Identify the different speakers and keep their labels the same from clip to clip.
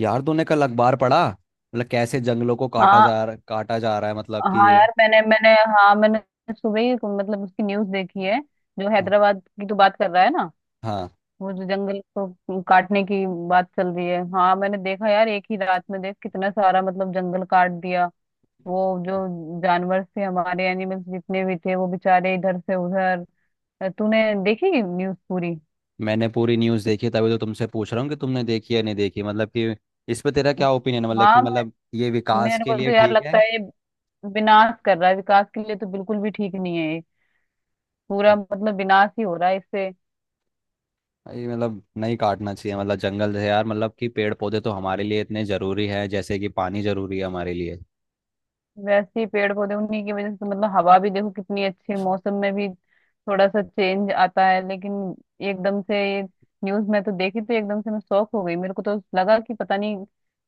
Speaker 1: यार तूने कल अखबार पढ़ा, मतलब कैसे जंगलों को
Speaker 2: हाँ
Speaker 1: काटा जा रहा है, मतलब
Speaker 2: हाँ
Speaker 1: कि।
Speaker 2: यार मैंने मैंने हाँ मैंने सुबह ही मतलब उसकी न्यूज़ देखी है। जो
Speaker 1: हाँ।
Speaker 2: हैदराबाद की तो बात कर रहा है ना,
Speaker 1: हाँ,
Speaker 2: वो जो जंगल को काटने की बात चल रही है। हाँ, मैंने देखा यार, एक ही रात में देख कितना सारा मतलब जंगल काट दिया। वो जो जानवर थे, हमारे एनिमल्स जितने भी थे, वो बेचारे इधर से उधर। तूने देखी न्यूज़ पूरी?
Speaker 1: मैंने पूरी न्यूज़ देखी, तभी तो तुमसे पूछ रहा हूँ कि तुमने देखी या नहीं देखी, मतलब कि इस पे तेरा क्या ओपिनियन है, मतलब कि
Speaker 2: हाँ,
Speaker 1: मतलब ये विकास
Speaker 2: मेरे
Speaker 1: के
Speaker 2: को तो
Speaker 1: लिए
Speaker 2: यार
Speaker 1: ठीक
Speaker 2: लगता
Speaker 1: है।
Speaker 2: है ये विनाश कर रहा है, विकास के लिए तो बिल्कुल भी ठीक नहीं है ये। पूरा
Speaker 1: अच्छा,
Speaker 2: मतलब विनाश ही हो रहा है इससे।
Speaker 1: ये मतलब नहीं काटना चाहिए, मतलब जंगल है यार, मतलब कि पेड़ पौधे तो हमारे लिए इतने ज़रूरी है जैसे कि पानी ज़रूरी है हमारे लिए।
Speaker 2: वैसे ही पेड़ पौधे, उन्हीं की वजह से मतलब हवा भी देखो कितनी अच्छी है, मौसम में भी थोड़ा सा चेंज आता है। लेकिन एकदम से ये न्यूज में तो देखी तो एकदम से मैं शॉक हो गई। मेरे को तो लगा कि पता नहीं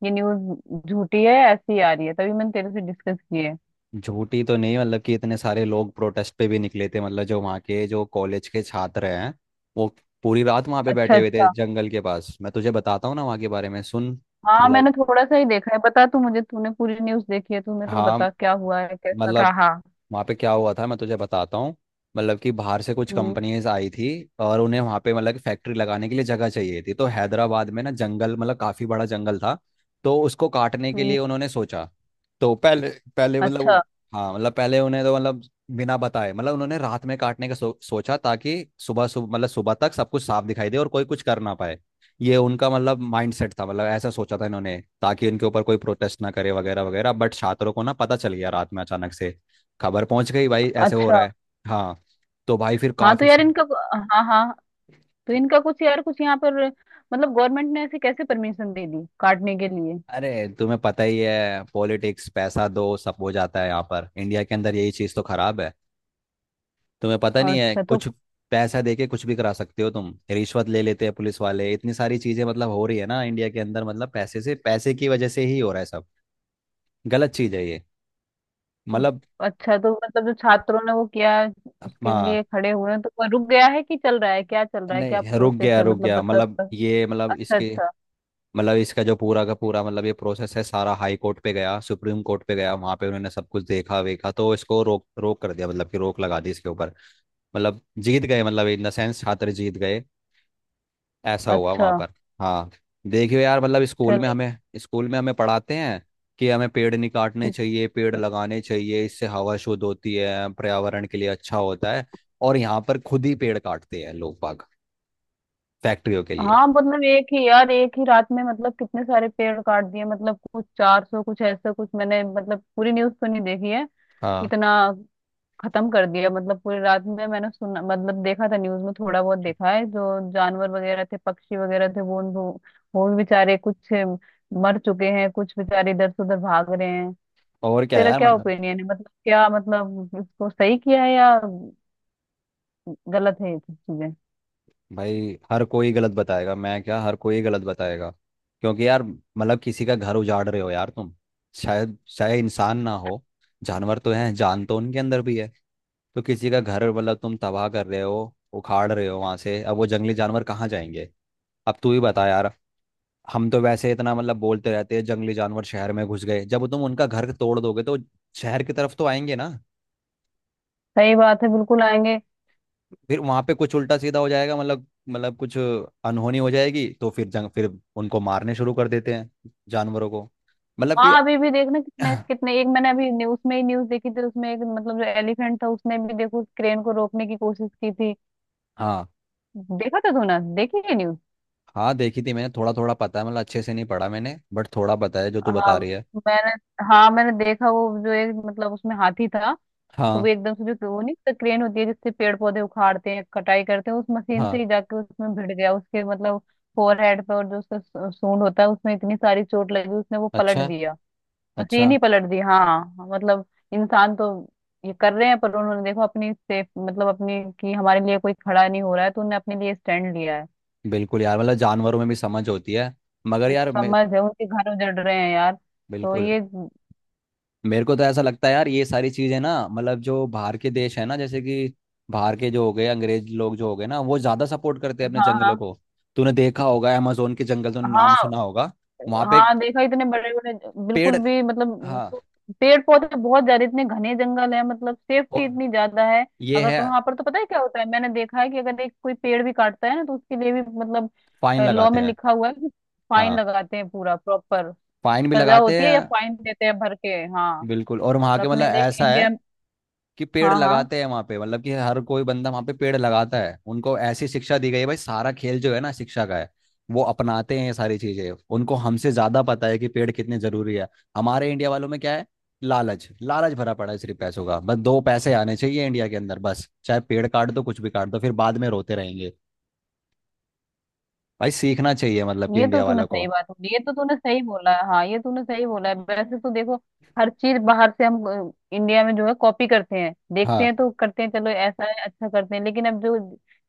Speaker 2: ये न्यूज झूठी है या ऐसी ही आ रही है, तभी मैंने तेरे से डिस्कस की है।
Speaker 1: झूठी तो नहीं, मतलब कि इतने सारे लोग प्रोटेस्ट पे भी निकले थे, मतलब जो वहाँ के जो कॉलेज के छात्र हैं वो पूरी रात वहाँ पे
Speaker 2: अच्छा
Speaker 1: बैठे हुए थे
Speaker 2: अच्छा।
Speaker 1: जंगल के पास। मैं तुझे बताता हूँ ना वहाँ के बारे में, सुन।
Speaker 2: हाँ, मैंने
Speaker 1: मतलब
Speaker 2: थोड़ा सा ही देखा है। बता तू मुझे, तूने पूरी न्यूज देखी है, तू मेरे को
Speaker 1: हाँ
Speaker 2: बता क्या हुआ है, कैसा था,
Speaker 1: मतलब
Speaker 2: हाँ।
Speaker 1: वहाँ पे क्या हुआ था मैं तुझे बताता हूँ। मतलब कि बाहर से कुछ
Speaker 2: हम्म।
Speaker 1: कंपनीज आई थी, और उन्हें वहाँ पे मतलब फैक्ट्री लगाने के लिए जगह चाहिए थी। तो हैदराबाद में ना जंगल, मतलब काफ़ी बड़ा जंगल था, तो उसको काटने के
Speaker 2: हम्म।
Speaker 1: लिए उन्होंने सोचा। तो पहले पहले
Speaker 2: अच्छा।
Speaker 1: मतलब हाँ मतलब पहले उन्हें तो मतलब बिना बताए मतलब उन्होंने रात में काटने का सोचा, ताकि सुबह सुबह मतलब सुबह तक सब कुछ साफ दिखाई दे और कोई कुछ कर ना पाए। ये उनका मतलब माइंड सेट था, मतलब ऐसा सोचा था इन्होंने, ताकि इनके ऊपर कोई प्रोटेस्ट ना करे वगैरह वगैरह। बट छात्रों को ना पता चल गया, रात में अचानक से खबर पहुंच गई भाई ऐसे हो
Speaker 2: अच्छा।
Speaker 1: रहा है। हाँ, तो भाई फिर
Speaker 2: हाँ तो
Speaker 1: काफी
Speaker 2: यार
Speaker 1: सा-।
Speaker 2: इनका, हाँ हाँ, तो इनका कुछ यार, कुछ यहाँ पर मतलब गवर्नमेंट ने ऐसे कैसे परमिशन दे दी काटने के लिए?
Speaker 1: अरे तुम्हें पता ही है, पॉलिटिक्स पैसा दो सब हो जाता है, यहाँ पर इंडिया के अंदर यही चीज़ तो खराब है। तुम्हें पता नहीं है
Speaker 2: अच्छा तो
Speaker 1: कुछ। पैसा देके कुछ भी करा सकते हो तुम, रिश्वत ले लेते हैं पुलिस वाले। इतनी सारी चीजें मतलब हो रही है ना इंडिया के अंदर, मतलब पैसे से पैसे की वजह से ही हो रहा है सब। गलत चीज है ये, मतलब।
Speaker 2: अच्छा तो मतलब जो छात्रों ने वो किया, उसके
Speaker 1: हाँ
Speaker 2: लिए खड़े हुए हैं, तो वो रुक गया है कि चल रहा है? क्या चल रहा है, क्या
Speaker 1: नहीं, रुक
Speaker 2: प्रोसेस
Speaker 1: गया
Speaker 2: है,
Speaker 1: रुक
Speaker 2: मतलब
Speaker 1: गया
Speaker 2: पता
Speaker 1: मतलब
Speaker 2: पता-
Speaker 1: ये मतलब
Speaker 2: अच्छा
Speaker 1: इसके
Speaker 2: अच्छा।
Speaker 1: मतलब इसका जो पूरा का पूरा मतलब ये प्रोसेस है सारा। हाई कोर्ट पे गया, सुप्रीम कोर्ट पे गया, वहां पे उन्होंने सब कुछ देखा वेखा, तो इसको रोक रोक कर दिया, मतलब कि रोक लगा दी इसके ऊपर। मतलब जीत गए, मतलब इन द सेंस छात्र जीत गए, ऐसा हुआ
Speaker 2: अच्छा,
Speaker 1: वहां पर। हाँ। देखियो यार, मतलब
Speaker 2: चले
Speaker 1: स्कूल में हमें पढ़ाते हैं कि हमें पेड़ नहीं काटने
Speaker 2: कि-
Speaker 1: चाहिए, पेड़ लगाने चाहिए, इससे हवा शुद्ध होती है, पर्यावरण के लिए अच्छा होता है। और यहाँ पर खुद ही पेड़ काटते हैं लोग बाग, फैक्ट्रियों के लिए।
Speaker 2: हाँ मतलब एक ही यार, एक ही रात में मतलब कितने सारे पेड़ काट दिए, मतलब कुछ 400 कुछ ऐसा कुछ, मैंने मतलब पूरी न्यूज़ तो नहीं देखी है।
Speaker 1: हाँ
Speaker 2: इतना खत्म कर दिया मतलब पूरी रात में, मैंने सुना मतलब देखा था न्यूज में थोड़ा बहुत देखा है। जो जानवर वगैरह थे, पक्षी वगैरह थे, वो उन- वो भी बेचारे कुछ मर चुके हैं, कुछ बेचारे इधर से उधर भाग रहे हैं।
Speaker 1: और क्या
Speaker 2: तेरा
Speaker 1: यार,
Speaker 2: क्या
Speaker 1: मतलब।
Speaker 2: ओपिनियन है मतलब, क्या मतलब इसको सही किया है या गलत है ये सब चीजें?
Speaker 1: भाई हर कोई गलत बताएगा, मैं क्या, हर कोई गलत बताएगा। क्योंकि यार मतलब किसी का घर उजाड़ रहे हो यार तुम। शायद चाहे इंसान ना हो, जानवर तो हैं, जान तो उनके अंदर भी है। तो किसी का घर मतलब तुम तबाह कर रहे हो, उखाड़ रहे हो वहां से। अब वो जंगली जानवर कहाँ जाएंगे, अब तू ही बता यार। हम तो वैसे इतना मतलब बोलते रहते हैं जंगली जानवर शहर में घुस गए, जब तुम उनका घर तोड़ दोगे तो शहर की तरफ तो आएंगे ना।
Speaker 2: सही बात है, बिल्कुल आएंगे।
Speaker 1: फिर वहां पे कुछ उल्टा सीधा हो जाएगा, मतलब मतलब कुछ अनहोनी हो जाएगी, तो फिर जंग फिर उनको मारने शुरू कर देते हैं, जानवरों को, मतलब कि।
Speaker 2: हाँ, अभी भी देखना कितने कितने, एक मैंने अभी न्यूज में ही न्यूज देखी थी, उसमें एक मतलब जो एलिफेंट था, उसने भी देखो क्रेन को रोकने की कोशिश की थी।
Speaker 1: हाँ।
Speaker 2: देखा था, तूने देखी है न्यूज?
Speaker 1: हाँ देखी थी मैंने, थोड़ा थोड़ा पता है, मतलब अच्छे से नहीं पढ़ा मैंने, बट थोड़ा पता है जो तू
Speaker 2: हाँ
Speaker 1: बता रही है।
Speaker 2: मैंने, हाँ मैंने देखा, वो जो एक मतलब उसमें हाथी था। तो वो
Speaker 1: हाँ।
Speaker 2: एकदम से, जो वो, नहीं तो क्रेन होती है जिससे पेड़ पौधे उखाड़ते हैं कटाई करते हैं, उस मशीन से
Speaker 1: हाँ।
Speaker 2: ही जाके उसमें भिड़ गया, उसके मतलब फोरहेड पे। और जो उसका सूंड होता है, उसमें इतनी सारी चोट लगी, उसने वो पलट
Speaker 1: अच्छा,
Speaker 2: दिया, मशीन
Speaker 1: अच्छा।
Speaker 2: ही पलट दी। हाँ मतलब इंसान तो ये कर रहे हैं, पर उन्होंने देखो अपनी सेफ मतलब अपनी, कि हमारे लिए कोई खड़ा नहीं हो रहा है तो उन्होंने अपने लिए स्टैंड लिया है।
Speaker 1: बिल्कुल यार, मतलब जानवरों में भी समझ होती है, मगर यार मैं।
Speaker 2: समझ है, उनके घर उजड़ रहे हैं यार तो
Speaker 1: बिल्कुल।
Speaker 2: ये।
Speaker 1: मेरे को तो ऐसा लगता है यार, ये सारी चीजें ना मतलब जो बाहर के देश है ना, जैसे कि बाहर के जो हो गए अंग्रेज लोग जो हो गए ना, वो ज्यादा सपोर्ट करते हैं अपने
Speaker 2: हाँ
Speaker 1: जंगलों
Speaker 2: हाँ।
Speaker 1: को। तूने देखा होगा, अमेजोन के जंगल, तूने नाम
Speaker 2: हाँ
Speaker 1: सुना होगा। वहां पे एक
Speaker 2: हाँ, देखा, इतने बड़े बड़े,
Speaker 1: पेड़।
Speaker 2: बिल्कुल भी मतलब
Speaker 1: हाँ
Speaker 2: पेड़ पौधे बहुत ज्यादा, इतने घने जंगल है, मतलब सेफ्टी
Speaker 1: और
Speaker 2: इतनी ज्यादा है।
Speaker 1: ये
Speaker 2: अगर
Speaker 1: है।
Speaker 2: वहां पर तो पता है क्या होता है, मैंने देखा है कि अगर एक कोई पेड़ भी काटता है ना, तो उसके लिए भी मतलब
Speaker 1: फाइन
Speaker 2: लॉ
Speaker 1: लगाते
Speaker 2: में
Speaker 1: हैं।
Speaker 2: लिखा हुआ है कि फाइन
Speaker 1: हाँ
Speaker 2: लगाते हैं पूरा प्रॉपर।
Speaker 1: फाइन भी
Speaker 2: सजा
Speaker 1: लगाते
Speaker 2: होती है
Speaker 1: हैं।
Speaker 2: या फाइन देते हैं भर के। हाँ।
Speaker 1: बिल्कुल, और वहां
Speaker 2: और
Speaker 1: के मतलब
Speaker 2: अपने देख
Speaker 1: ऐसा
Speaker 2: इंडिया।
Speaker 1: है कि पेड़
Speaker 2: हाँ हाँ,
Speaker 1: लगाते हैं वहां पे, मतलब कि हर कोई बंदा वहां पे पेड़ लगाता है, उनको ऐसी शिक्षा दी गई है। भाई सारा खेल जो है ना शिक्षा का है। वो अपनाते हैं ये सारी चीजें, उनको हमसे ज्यादा पता है कि पेड़ कितने जरूरी है। हमारे इंडिया वालों में क्या है, लालच, लालच भरा पड़ा है, सिर्फ पैसों का। बस दो पैसे आने चाहिए इंडिया के अंदर, बस, चाहे पेड़ काट दो, कुछ भी काट दो, फिर बाद में रोते रहेंगे। भाई सीखना चाहिए, मतलब कि
Speaker 2: ये तो
Speaker 1: इंडिया
Speaker 2: तूने
Speaker 1: वालों को।
Speaker 2: सही बात बोली, ये तो तूने सही बोला है, हाँ ये तूने सही बोला है वैसे, तो देखो हर चीज बाहर से हम इंडिया में जो है कॉपी करते हैं, देखते
Speaker 1: हाँ,
Speaker 2: हैं तो करते हैं, चलो ऐसा है, अच्छा करते हैं। लेकिन अब जो,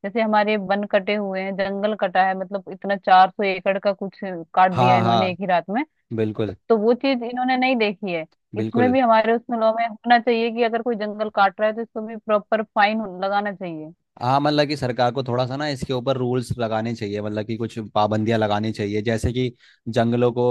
Speaker 2: जैसे हमारे वन कटे हुए हैं, जंगल कटा है मतलब इतना 400 एकड़ का कुछ काट दिया
Speaker 1: हाँ,
Speaker 2: इन्होंने
Speaker 1: हाँ,
Speaker 2: एक ही रात में।
Speaker 1: बिल्कुल।
Speaker 2: तो वो चीज इन्होंने नहीं देखी है। इसमें
Speaker 1: बिल्कुल।
Speaker 2: भी हमारे, उसमें लॉ में होना चाहिए कि अगर कोई जंगल काट रहा है तो इसको भी प्रॉपर फाइन लगाना चाहिए।
Speaker 1: हाँ, मतलब कि सरकार को थोड़ा सा ना इसके ऊपर रूल्स लगाने चाहिए, मतलब कि कुछ पाबंदियां लगानी चाहिए। जैसे कि जंगलों को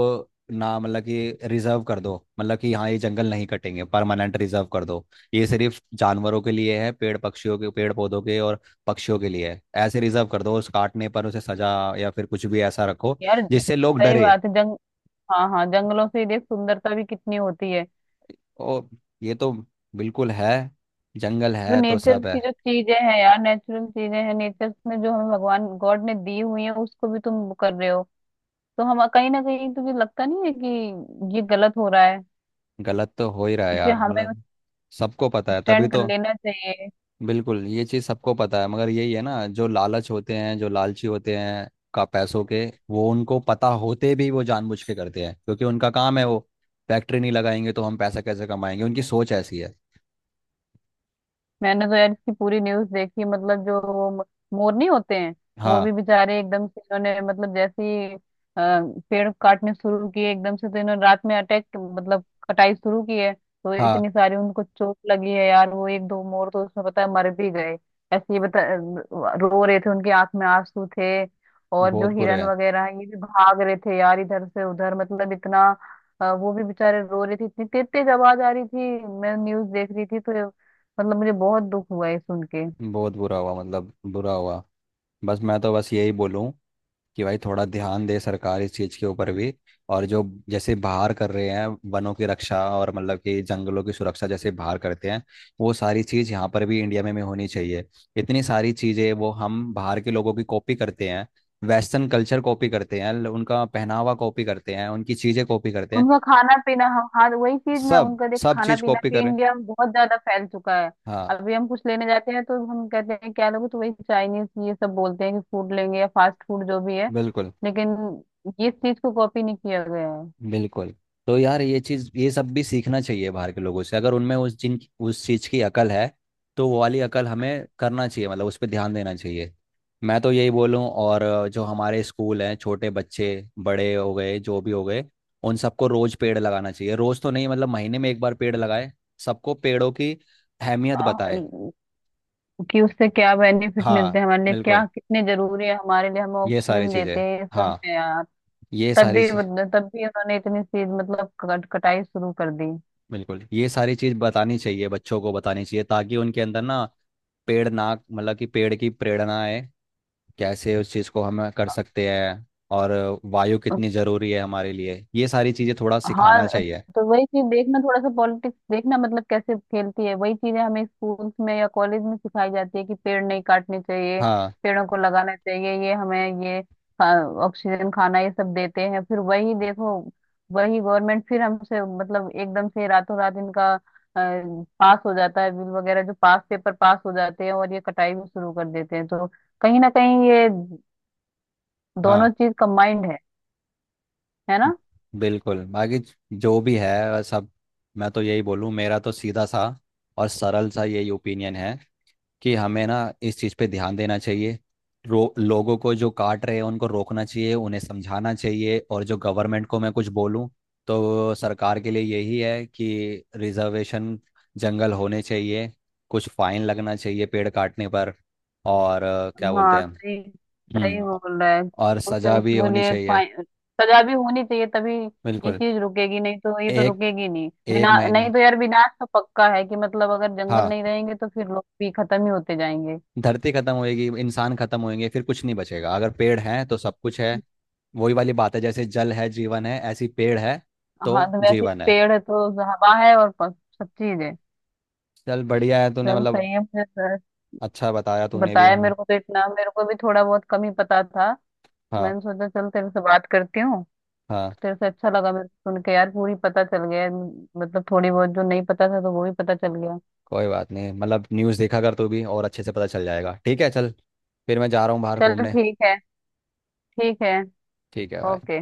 Speaker 1: ना, मतलब कि रिजर्व कर दो, मतलब कि हाँ ये जंगल नहीं कटेंगे, परमानेंट रिजर्व कर दो। ये सिर्फ जानवरों के लिए है, पेड़ पक्षियों के, पेड़ पौधों के और पक्षियों के लिए है, ऐसे रिजर्व कर दो। उस काटने पर उसे सजा, या फिर कुछ भी ऐसा रखो
Speaker 2: यार
Speaker 1: जिससे लोग
Speaker 2: सही
Speaker 1: डरे।
Speaker 2: बात है जंग हाँ हाँ, जंगलों से देख सुंदरता भी कितनी होती है।
Speaker 1: ओ, ये तो बिल्कुल है, जंगल
Speaker 2: वो
Speaker 1: है तो
Speaker 2: नेचर
Speaker 1: सब
Speaker 2: की
Speaker 1: है।
Speaker 2: जो चीजें हैं यार, नेचुरल चीजें हैं, नेचर में जो हमें भगवान गॉड ने दी हुई है, उसको भी तुम वो कर रहे हो। तो हम कहीं ना कहीं, तुझे लगता नहीं है कि ये गलत हो रहा है?
Speaker 1: गलत तो हो ही रहा है
Speaker 2: इसलिए
Speaker 1: यार,
Speaker 2: हमें
Speaker 1: मतलब सबको पता है तभी
Speaker 2: स्टैंड कर
Speaker 1: तो।
Speaker 2: लेना चाहिए।
Speaker 1: बिल्कुल ये चीज़ सबको पता है, मगर यही है ना, जो लालच होते हैं, जो लालची होते हैं, का पैसों के, वो उनको पता होते भी वो जानबूझ के करते हैं, क्योंकि उनका काम है वो। फैक्ट्री नहीं लगाएंगे तो हम पैसा कैसे कमाएंगे, उनकी सोच ऐसी है।
Speaker 2: मैंने तो यार इसकी पूरी न्यूज देखी मतलब, जो वो मोर नहीं होते हैं, वो भी
Speaker 1: हाँ।
Speaker 2: बेचारे एकदम से, इन्होंने मतलब जैसे ही पेड़ काटने शुरू किए, एकदम से तो इन्होंने रात में अटैक मतलब कटाई शुरू की है, तो
Speaker 1: हाँ,
Speaker 2: इतनी सारी उनको चोट लगी है यार। वो एक दो मोर तो उसमें पता है मर भी गए। ऐसे ही बता, रो रहे थे, उनकी आंख में आंसू थे। और जो
Speaker 1: बहुत बुरे
Speaker 2: हिरन
Speaker 1: हैं।
Speaker 2: वगैरह हैं, ये भी भाग रहे थे यार इधर से उधर, मतलब इतना। वो भी बेचारे रो रहे थे, इतनी तेज तेज आवाज आ रही थी। मैं न्यूज देख रही थी, तो मतलब मुझे बहुत दुख हुआ है सुन के।
Speaker 1: बहुत बुरा हुआ, मतलब बुरा हुआ। बस मैं तो बस यही बोलूँ कि भाई थोड़ा ध्यान दे सरकार इस चीज़ के ऊपर भी। और जो जैसे बाहर कर रहे हैं वनों की रक्षा, और मतलब कि जंगलों की सुरक्षा जैसे बाहर करते हैं, वो सारी चीज़ यहाँ पर भी इंडिया में भी होनी चाहिए। इतनी सारी चीज़ें वो हम बाहर के लोगों की कॉपी करते हैं, वेस्टर्न कल्चर कॉपी करते हैं, उनका पहनावा कॉपी करते हैं, उनकी चीज़ें कॉपी करते हैं,
Speaker 2: उनका खाना पीना, हम, हाँ वही चीज ना,
Speaker 1: सब
Speaker 2: उनका देख
Speaker 1: सब
Speaker 2: खाना
Speaker 1: चीज़
Speaker 2: पीना
Speaker 1: कॉपी
Speaker 2: भी
Speaker 1: कर रहे हैं।
Speaker 2: इंडिया में बहुत ज्यादा फैल चुका है।
Speaker 1: हाँ,
Speaker 2: अभी हम कुछ लेने जाते हैं तो हम कहते हैं क्या लोगे, तो वही चाइनीज ये सब बोलते हैं कि फूड लेंगे या फास्ट फूड जो भी है।
Speaker 1: बिल्कुल।
Speaker 2: लेकिन इस चीज को कॉपी नहीं किया गया है।
Speaker 1: बिल्कुल। तो यार ये चीज, ये सब भी सीखना चाहिए बाहर के लोगों से, अगर उनमें उस जिन उस चीज की अकल है, तो वो वाली अकल हमें करना चाहिए, मतलब उस पर ध्यान देना चाहिए। मैं तो यही बोलूँ। और जो हमारे स्कूल हैं, छोटे बच्चे, बड़े हो गए जो भी हो गए, उन सबको रोज पेड़ लगाना चाहिए। रोज तो नहीं, मतलब महीने में एक बार पेड़ लगाए, सबको पेड़ों की अहमियत
Speaker 2: आ,
Speaker 1: बताए।
Speaker 2: कि उससे क्या बेनिफिट मिलते
Speaker 1: हाँ
Speaker 2: हैं हमारे लिए,
Speaker 1: बिल्कुल,
Speaker 2: क्या कितने जरूरी है हमारे लिए, हमें
Speaker 1: ये सारी
Speaker 2: ऑक्सीजन देते
Speaker 1: चीजें।
Speaker 2: हैं, ये सब
Speaker 1: हाँ,
Speaker 2: है यार।
Speaker 1: ये
Speaker 2: तब
Speaker 1: सारी
Speaker 2: भी
Speaker 1: चीज़।
Speaker 2: तब भी उन्होंने इतनी चीज मतलब कटाई शुरू कर दी।
Speaker 1: बिल्कुल, ये सारी चीज बतानी चाहिए, बच्चों को बतानी चाहिए, ताकि उनके अंदर ना पेड़ ना मतलब कि पेड़ की प्रेरणा है, कैसे उस चीज को हम कर सकते हैं। और वायु कितनी जरूरी है हमारे लिए, ये सारी चीजें थोड़ा
Speaker 2: हाँ
Speaker 1: सिखाना चाहिए।
Speaker 2: तो वही चीज देखना, थोड़ा सा पॉलिटिक्स देखना मतलब कैसे खेलती है। वही चीजें हमें स्कूल्स में या कॉलेज में सिखाई जाती है कि पेड़ नहीं काटने चाहिए,
Speaker 1: हाँ,
Speaker 2: पेड़ों को लगाना चाहिए, ये हमें ये ऑक्सीजन खाना ये सब देते हैं। फिर वही देखो वही गवर्नमेंट फिर हमसे मतलब एकदम से रातों रात इनका पास हो जाता है, बिल वगैरह जो पास, पेपर पास हो जाते हैं और ये कटाई भी शुरू कर देते हैं। तो कहीं ना कहीं ये दोनों
Speaker 1: हाँ
Speaker 2: चीज कंबाइंड है ना?
Speaker 1: बिल्कुल, बाकी जो भी है सब। मैं तो यही बोलूँ, मेरा तो सीधा सा और सरल सा यही ओपिनियन है कि हमें ना इस चीज़ पे ध्यान देना चाहिए। लोगों को जो काट रहे हैं उनको रोकना चाहिए, उन्हें समझाना चाहिए। और जो गवर्नमेंट को मैं कुछ बोलूं, तो सरकार के लिए यही है कि रिजर्वेशन जंगल होने चाहिए, कुछ फाइन लगना चाहिए पेड़ काटने पर। और क्या बोलते
Speaker 2: हाँ।
Speaker 1: हैं।
Speaker 2: सही, सही
Speaker 1: हम्म।
Speaker 2: बोल रहा है।
Speaker 1: और
Speaker 2: उसे
Speaker 1: सजा भी
Speaker 2: उसके
Speaker 1: होनी
Speaker 2: लिए
Speaker 1: चाहिए।
Speaker 2: फाइन, सजा भी होनी चाहिए, तभी ये
Speaker 1: बिल्कुल।
Speaker 2: चीज रुकेगी। नहीं तो ये तो
Speaker 1: एक
Speaker 2: रुकेगी नहीं
Speaker 1: एक
Speaker 2: बिना,
Speaker 1: महीना,
Speaker 2: नहीं तो यार विनाश तो पक्का है कि मतलब अगर जंगल
Speaker 1: हाँ,
Speaker 2: नहीं रहेंगे तो फिर लोग भी खत्म ही होते जाएंगे।
Speaker 1: धरती खत्म होएगी, इंसान खत्म होएंगे, फिर कुछ नहीं बचेगा। अगर पेड़ हैं तो सब कुछ है, वही वाली बात है, जैसे जल है जीवन है, ऐसी पेड़ है तो
Speaker 2: हाँ तो वैसे
Speaker 1: जीवन है।
Speaker 2: पेड़ है तो हवा है और सब चीज है।
Speaker 1: चल बढ़िया है, तूने
Speaker 2: चल
Speaker 1: मतलब
Speaker 2: सही है, मुझे तो
Speaker 1: अच्छा बताया तूने भी।
Speaker 2: बताया।
Speaker 1: हाँ,
Speaker 2: मेरे को तो इतना, मेरे को भी थोड़ा बहुत कम ही पता था।
Speaker 1: हाँ,
Speaker 2: मैंने सोचा चल तेरे से बात करती हूँ।
Speaker 1: हाँ,
Speaker 2: तेरे से अच्छा लगा मेरे को सुन के यार, पूरी पता चल गया है। मतलब थोड़ी बहुत जो नहीं पता था तो वो भी पता चल गया।
Speaker 1: कोई बात नहीं, मतलब न्यूज़ देखा कर तू भी, और अच्छे से पता चल जाएगा। ठीक है, चल, फिर मैं जा रहा हूँ बाहर
Speaker 2: चल
Speaker 1: घूमने।
Speaker 2: ठीक है। ठीक है।
Speaker 1: ठीक है भाई।
Speaker 2: ओके।